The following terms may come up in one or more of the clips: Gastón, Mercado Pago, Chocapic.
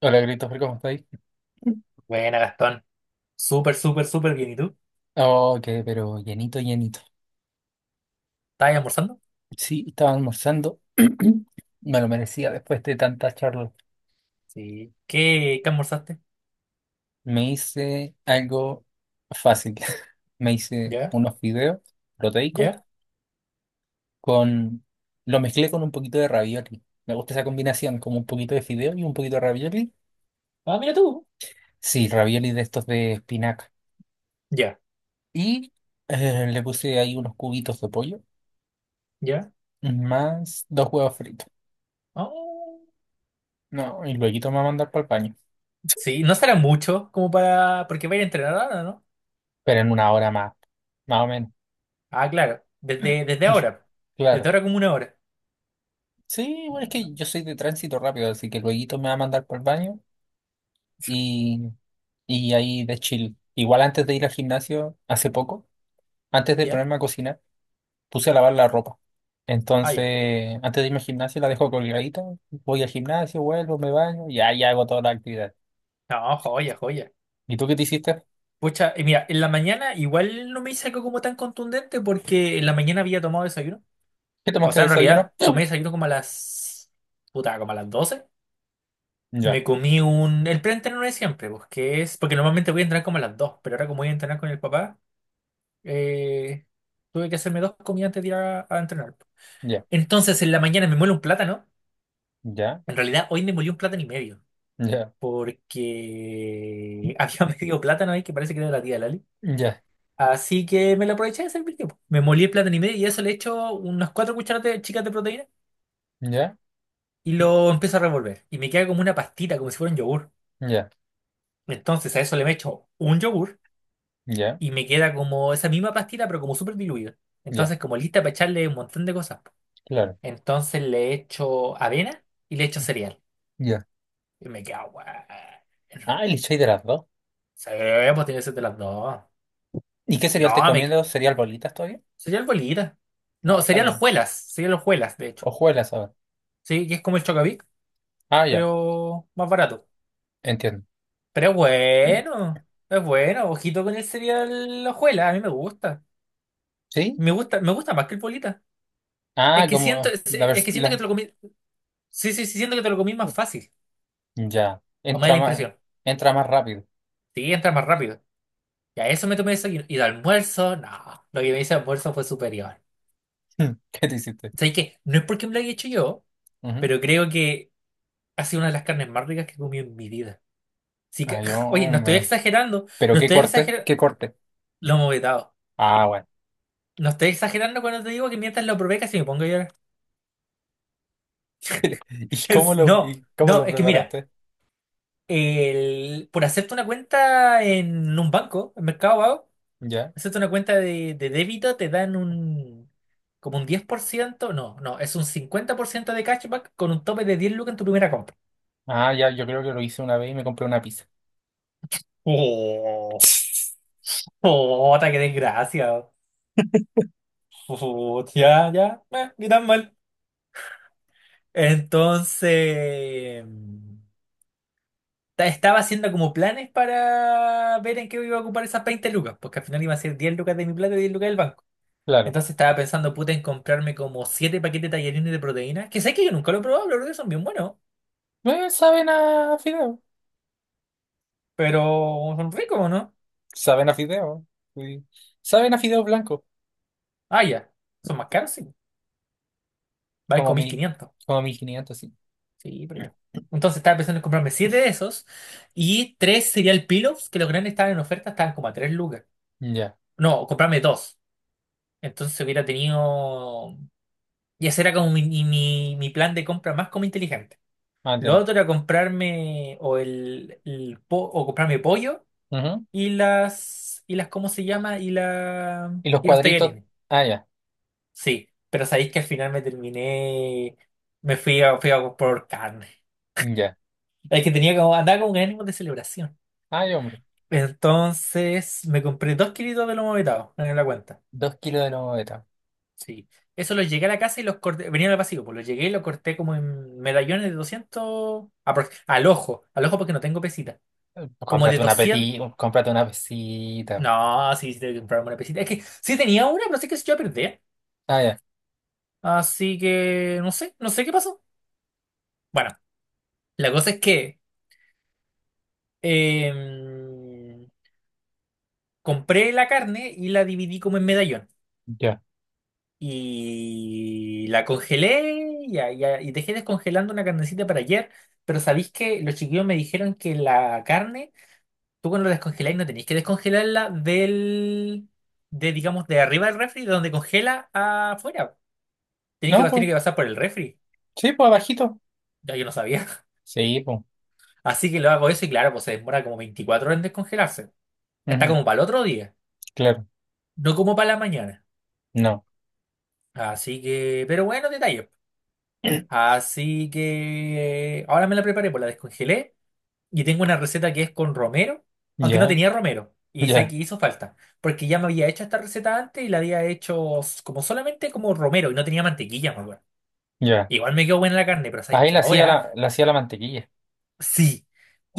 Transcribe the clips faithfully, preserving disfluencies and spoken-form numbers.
Hola, Christopher, ¿cómo estáis? Buena, Gastón. Súper, súper, súper bien. ¿Y tú? Ok, pero llenito, llenito. ¿Estás almorzando? Sí, estaba almorzando. Me lo merecía después de tanta charla. Sí. ¿Qué, qué almorzaste? Me hice algo fácil. Me hice ¿Ya? unos fideos proteicos ¿Ya? con. Lo mezclé con un poquito de ravioli. Me gusta esa combinación, como un poquito de fideo y un poquito de ravioli. Ah, mira tú. Sí, ravioli de estos de espinaca. Ya, Y eh, le puse ahí unos cubitos de pollo, ya. más dos huevos fritos. Oh. No, y luego me va a mandar para el paño. Sí, no será mucho como para... Porque va a ir a entrenar ahora, ¿no? Pero en una hora más, más o menos, Ah, claro. Desde, desde ahora. Desde claro. ahora como una hora. Sí, bueno, es que yo soy de tránsito rápido, así que luego me va a mandar por el baño y, y ahí de chill. Igual antes de ir al gimnasio, hace poco, antes de ¿Ya? ponerme a cocinar, puse a lavar la ropa. Ah, ya. Entonces, antes de irme al gimnasio la dejo colgadita, voy al gimnasio, vuelvo, me baño y ahí hago toda la actividad. No, joya, joya. ¿Y tú qué te hiciste? Pucha, y mira, en la mañana igual no me hice algo como tan contundente porque en la mañana había tomado desayuno. ¿Qué O tomaste de sea, en desayuno? realidad tomé desayuno como a las... Puta, como a las doce. Ya, Me comí un... El preentreno de siempre, pues, que es... Porque normalmente voy a entrenar como a las dos, pero ahora como voy a entrenar con el papá, eh, tuve que hacerme dos comidas antes de ir a, a entrenar. ya, Entonces, en la mañana me muele un plátano. ya, En realidad, hoy me molí un plátano y medio, ya, porque había medio plátano ahí que parece que era de la tía Lali. ya, Así que me lo aproveché de servir. pues. Me molí el plátano y medio y a eso le echo unas cuatro cucharadas de- chicas de proteína ya, y lo empiezo a revolver. Y me queda como una pastita, como si fuera un yogur. ya, Entonces, a eso le echo un yogur ya, y me queda como esa misma pastita, pero como súper diluida. ya, Entonces, como lista para echarle un montón de cosas. claro. Entonces le echo avena y le echo cereal. Ya. Y me queda bueno. Ah, el chai de las dos. Sí, pues tiene que ser de las dos. ¿Y qué cereal te No, me queda. comiendo? ¿Cereal bolitas todavía? Cereal bolita. No, No, está cereal bien. hojuelas. Cereal hojuelas, de hecho. Hojuelas ahora. Sí, que es como el Chocapic, Ah, ya, pero más barato. entiendo. Pero es bueno. Es bueno. Ojito con el cereal hojuelas. A mí me gusta. ¿Sí? Me gusta, me gusta más que el bolita. Es Ah, que siento, como es, la es vers- que siento que la- te lo comí. Sí, sí, sí, siento que te lo comí más fácil. ya. O me da Entra la más, impresión. entra más rápido. Sí, entra más rápido. Y a eso me tomé eso y, y de almuerzo, no. Lo que me hice de almuerzo fue superior. ¿Qué te hiciste? ¿Sabes qué? No es porque me lo haya hecho yo, Ujú. pero creo que ha sido una de las carnes más ricas que he comido en mi vida. Así que, Ay, oye, no estoy hombre. exagerando, ¿Pero no qué estoy corte? exagerando. ¿Qué corte? Lo hemos vetado. Ah, bueno. No estoy exagerando cuando te digo que mientras lo probé casi me pongo a llorar. ¿Y cómo Es- lo, No, y cómo no, lo es que mira, preparaste? el, por hacerte una cuenta en un banco, en Mercado Pago. Ya. Hacerte una cuenta de, de débito, te dan un como un diez por ciento. No, no, es un cincuenta por ciento de cashback con un tope de diez lucas en tu primera compra. Ah, ya, yo creo que lo hice una vez y me compré una pizza. Oh, oh, ta, qué desgracia. Oh, ya, ya, eh, ni tan mal. Entonces, ta- estaba haciendo como planes para ver en qué iba a ocupar esas veinte lucas, porque al final iba a ser diez lucas de mi plata y diez lucas del banco. Claro. Entonces estaba pensando, puta, en comprarme como siete paquetes de tallarines de proteína, que sé que yo nunca lo he probado, pero creo que son bien buenos. Eh, saben a fideo. Pero son ricos, ¿no? Saben a fideo. Sí. Saben a fideo blanco. Ah, ya. Son más caros, sí. Valen Como como mil mil, quinientos como mil quinientos, sí. Sí, pero ya. Entonces estaba pensando en comprarme siete de esos y tres cereal pillows, que los grandes estaban en oferta, estaban como a tres lucas. Ya, No, comprarme dos. Entonces hubiera tenido. Y ese era como mi, mi, mi plan de compra más como inteligente. ah, Lo entiendo. otro era comprarme o el, el po- o comprarme pollo Ujú. y las y las ¿cómo se llama? Y la Y los y los cuadritos, tallarines. ah, ya, Sí, pero sabéis que al final me terminé, me fui a, fui a comprar carne. ya. Es que tenía como, andaba con un ánimo de celebración. Ay, hombre, Entonces me compré dos kilitos de lomo vetado en la cuenta. dos kilos de lomo beta. Sí. Eso los llegué a la casa y los corté, venía en el vacío, pues los llegué y los corté como en medallones de doscientos, aprox- al ojo, al ojo porque no tengo pesita. Eh, Como de Cómprate una doscientos. petit, cómprate una pesita. No, sí, sí, tengo que comprarme una pesita. Es que sí tenía una, pero no sé que yo la perdí. Ah, ya, Así que no sé, no sé qué pasó. Bueno, la cosa es que... em, compré la carne y la dividí como en medallón. ya. Y la congelé y, a- y a- y dejé descongelando una carnecita para ayer. Pero sabéis que los chiquillos me dijeron que la carne, tú cuando la descongeláis no tenéis que descongelarla del, de, digamos, de arriba del refri, de donde congela afuera. Tenéis No, que, pues, tiene que pasar por el refri. sí, pues, abajito. Ya yo no sabía. Sí, pues, Así que lo hago eso y claro, pues se demora como veinticuatro horas en descongelarse. Está ujú, como para el otro día, claro, no como para la mañana. no, Así que, pero bueno, detalle. Así que eh, ahora me la preparé, pues la descongelé y tengo una receta que es con romero, aunque no ya, tenía romero. Y sé ya, que hizo falta, porque ya me había hecho esta receta antes y la había hecho s- como solamente como romero y no tenía mantequilla, me acuerdo. ya. Igual me quedó buena la carne, pero sabéis Ahí que la hacía ahora la, la hacía la mantequilla. sí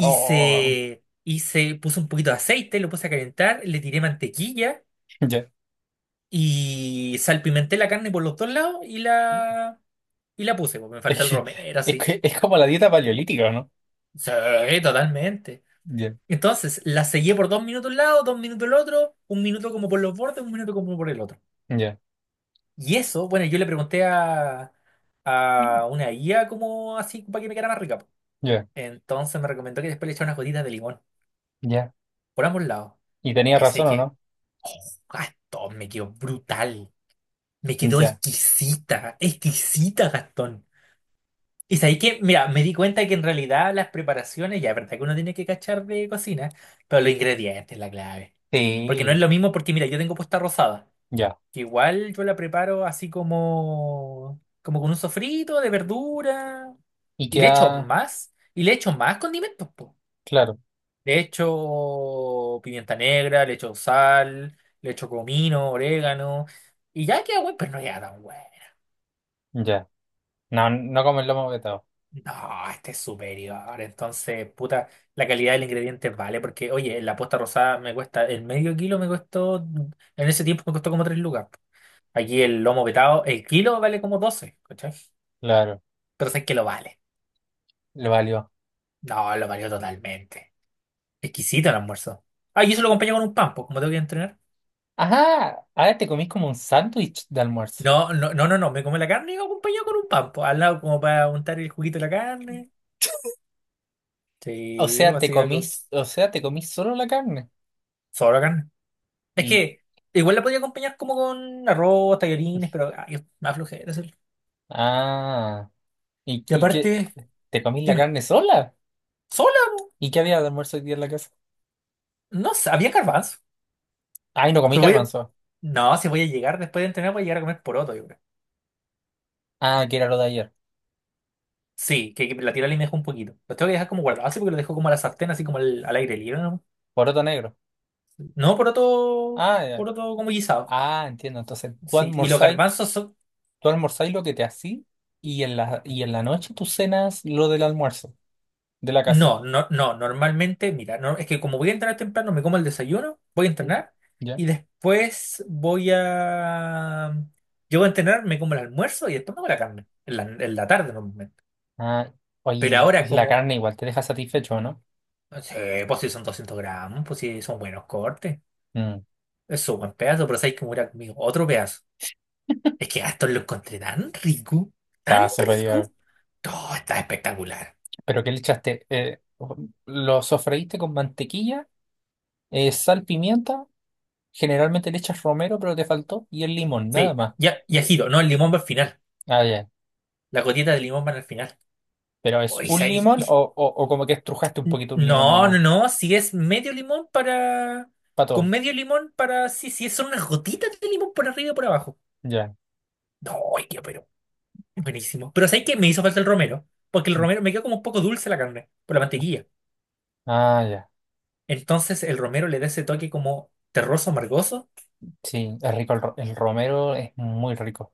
Oh, hice, puse un poquito de aceite, lo puse a calentar, le tiré mantequilla ya. y salpimenté la carne por los dos lados y la, y la puse, pues me falta Es el que, romero, es así. que- es como la dieta paleolítica, ¿o no? Sí, totalmente. Ya, Entonces, la seguí por dos minutos un lado, dos minutos el otro, un minuto como por los bordes, un minuto como por el otro. ya, Y eso, bueno, yo le pregunté a, a una guía como así para que me quedara más rica. po. ya, Entonces me recomendó que después le echara unas gotitas de limón ya. por ambos lados. Y Oh, tenía y sé razón, ¿o que no? ah, Gastón, me quedó brutal. Me quedó Ya. exquisita, exquisita, Gastón. Y sabéis que, mira, me di cuenta que en realidad las preparaciones, ya es verdad que uno tiene que cachar de cocina, pero los ingredientes es la clave. Porque no es Sí, lo mismo, porque mira, yo tengo posta rosada, ya. que igual yo la preparo así como, como con un sofrito de verdura, Y y le echo queda, más, y le echo más condimentos, po. claro, Le echo pimienta negra, le echo sal, le echo comino, orégano, y ya queda bueno, pero no queda tan bueno. ya. No, no como el lomo vetado. No, este es superior. Entonces, puta, la calidad del ingrediente vale. Porque, oye, la posta rosada me cuesta, el medio kilo me costó, en ese tiempo me costó como tres lucas. Aquí el lomo vetado, el kilo vale como doce, ¿cachai? Claro, Pero sé que lo vale. le valió. No, lo valió totalmente. Exquisito el almuerzo. Ah, y eso lo acompañé con un pan, pues, como tengo que entrenar. Ajá, ahora te comís como un sándwich de almuerzo. No, no, no, no, no, me come la carne y lo acompañé con un pan, pues, al lado como para untar el juguito de la carne. O Sí, o sea, te así algo. comís, o sea, te comís solo la carne. Solo carne. Es Y, que igual la podía acompañar como con arroz, tallarines, pero ay, es más flojera hacerlo. ah, y, Y y qué, aparte, te comís la dime, carne sola. sola, ¿Y qué había de almuerzo hoy día en la casa? no sé, había garbanzo. Ay, no comí Pero voy a- garbanzo. No, si voy a llegar después de entrenar, voy a llegar a comer poroto, yo creo. Ah, que era lo de ayer. Sí, que, que la tira y me dejo un poquito. Lo tengo que dejar como guardado así porque lo dejo como a la sartén, así como al, al aire libre, ¿no? Poroto negro. No, poroto, Ah, ya. poroto como guisado. Ah, entiendo. Entonces, tú Sí, y los almorzáis, garbanzos son. tú almorzáis lo que te hacís y en la, y en la noche tú cenas lo del almuerzo de la casa. No, no, no, normalmente, mira, no, es que como voy a entrenar temprano, me como el desayuno, voy a Mm, entrenar ya. y después voy a... Llego a entrenar, me como el almuerzo y después me como la carne, en la, en la tarde normalmente. Ah, oye, Pero la, ahora la como, carne igual te deja satisfecho, ¿no? sí, pues si son doscientos gramos, pues si son buenos cortes, Mm, es un buen pedazo, pero sabéis que me hubiera comido otro pedazo. Es que esto lo encontré tan rico, tan está rico, superior. todo está espectacular. ¿Pero qué le echaste? Eh, ¿lo sofreíste con mantequilla, eh, sal, pimienta? Generalmente le echas romero, pero te faltó. Y el limón, nada Sí, más. ya, y ají, no, el limón va al final, Ah, ya. la gotita de limón va al final. ¿Pero Oh, es y un sa- y- limón y o, o, o como que estrujaste un poquito un limón No, no, nomás? no, si es medio limón para... Para Con todo. medio limón para... Sí, sí, son unas gotitas de limón por arriba y por abajo. Ya. No, ay, qué pero buenísimo. Pero ¿sabes qué? Me hizo falta el romero, porque el Mm. romero me quedó como un poco dulce la carne, por la mantequilla. Ah, ya. Entonces el romero le da ese toque como terroso, amargoso. Sí, es rico el, ro- el romero, es muy rico.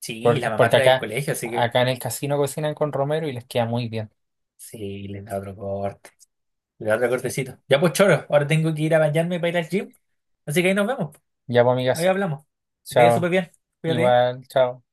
Sí, y la Porque, mamá porque trae del acá, colegio, así que... acá en el casino cocinan con romero y les queda muy bien. Sí, le da otro corte, le da otro cortecito. Ya pues choro, ahora tengo que ir a bañarme para ir al gym. Así que ahí nos vemos, Ya, pues, ahí amigas. hablamos. Te veo Chao. súper bien, cuídate. Igual, chao.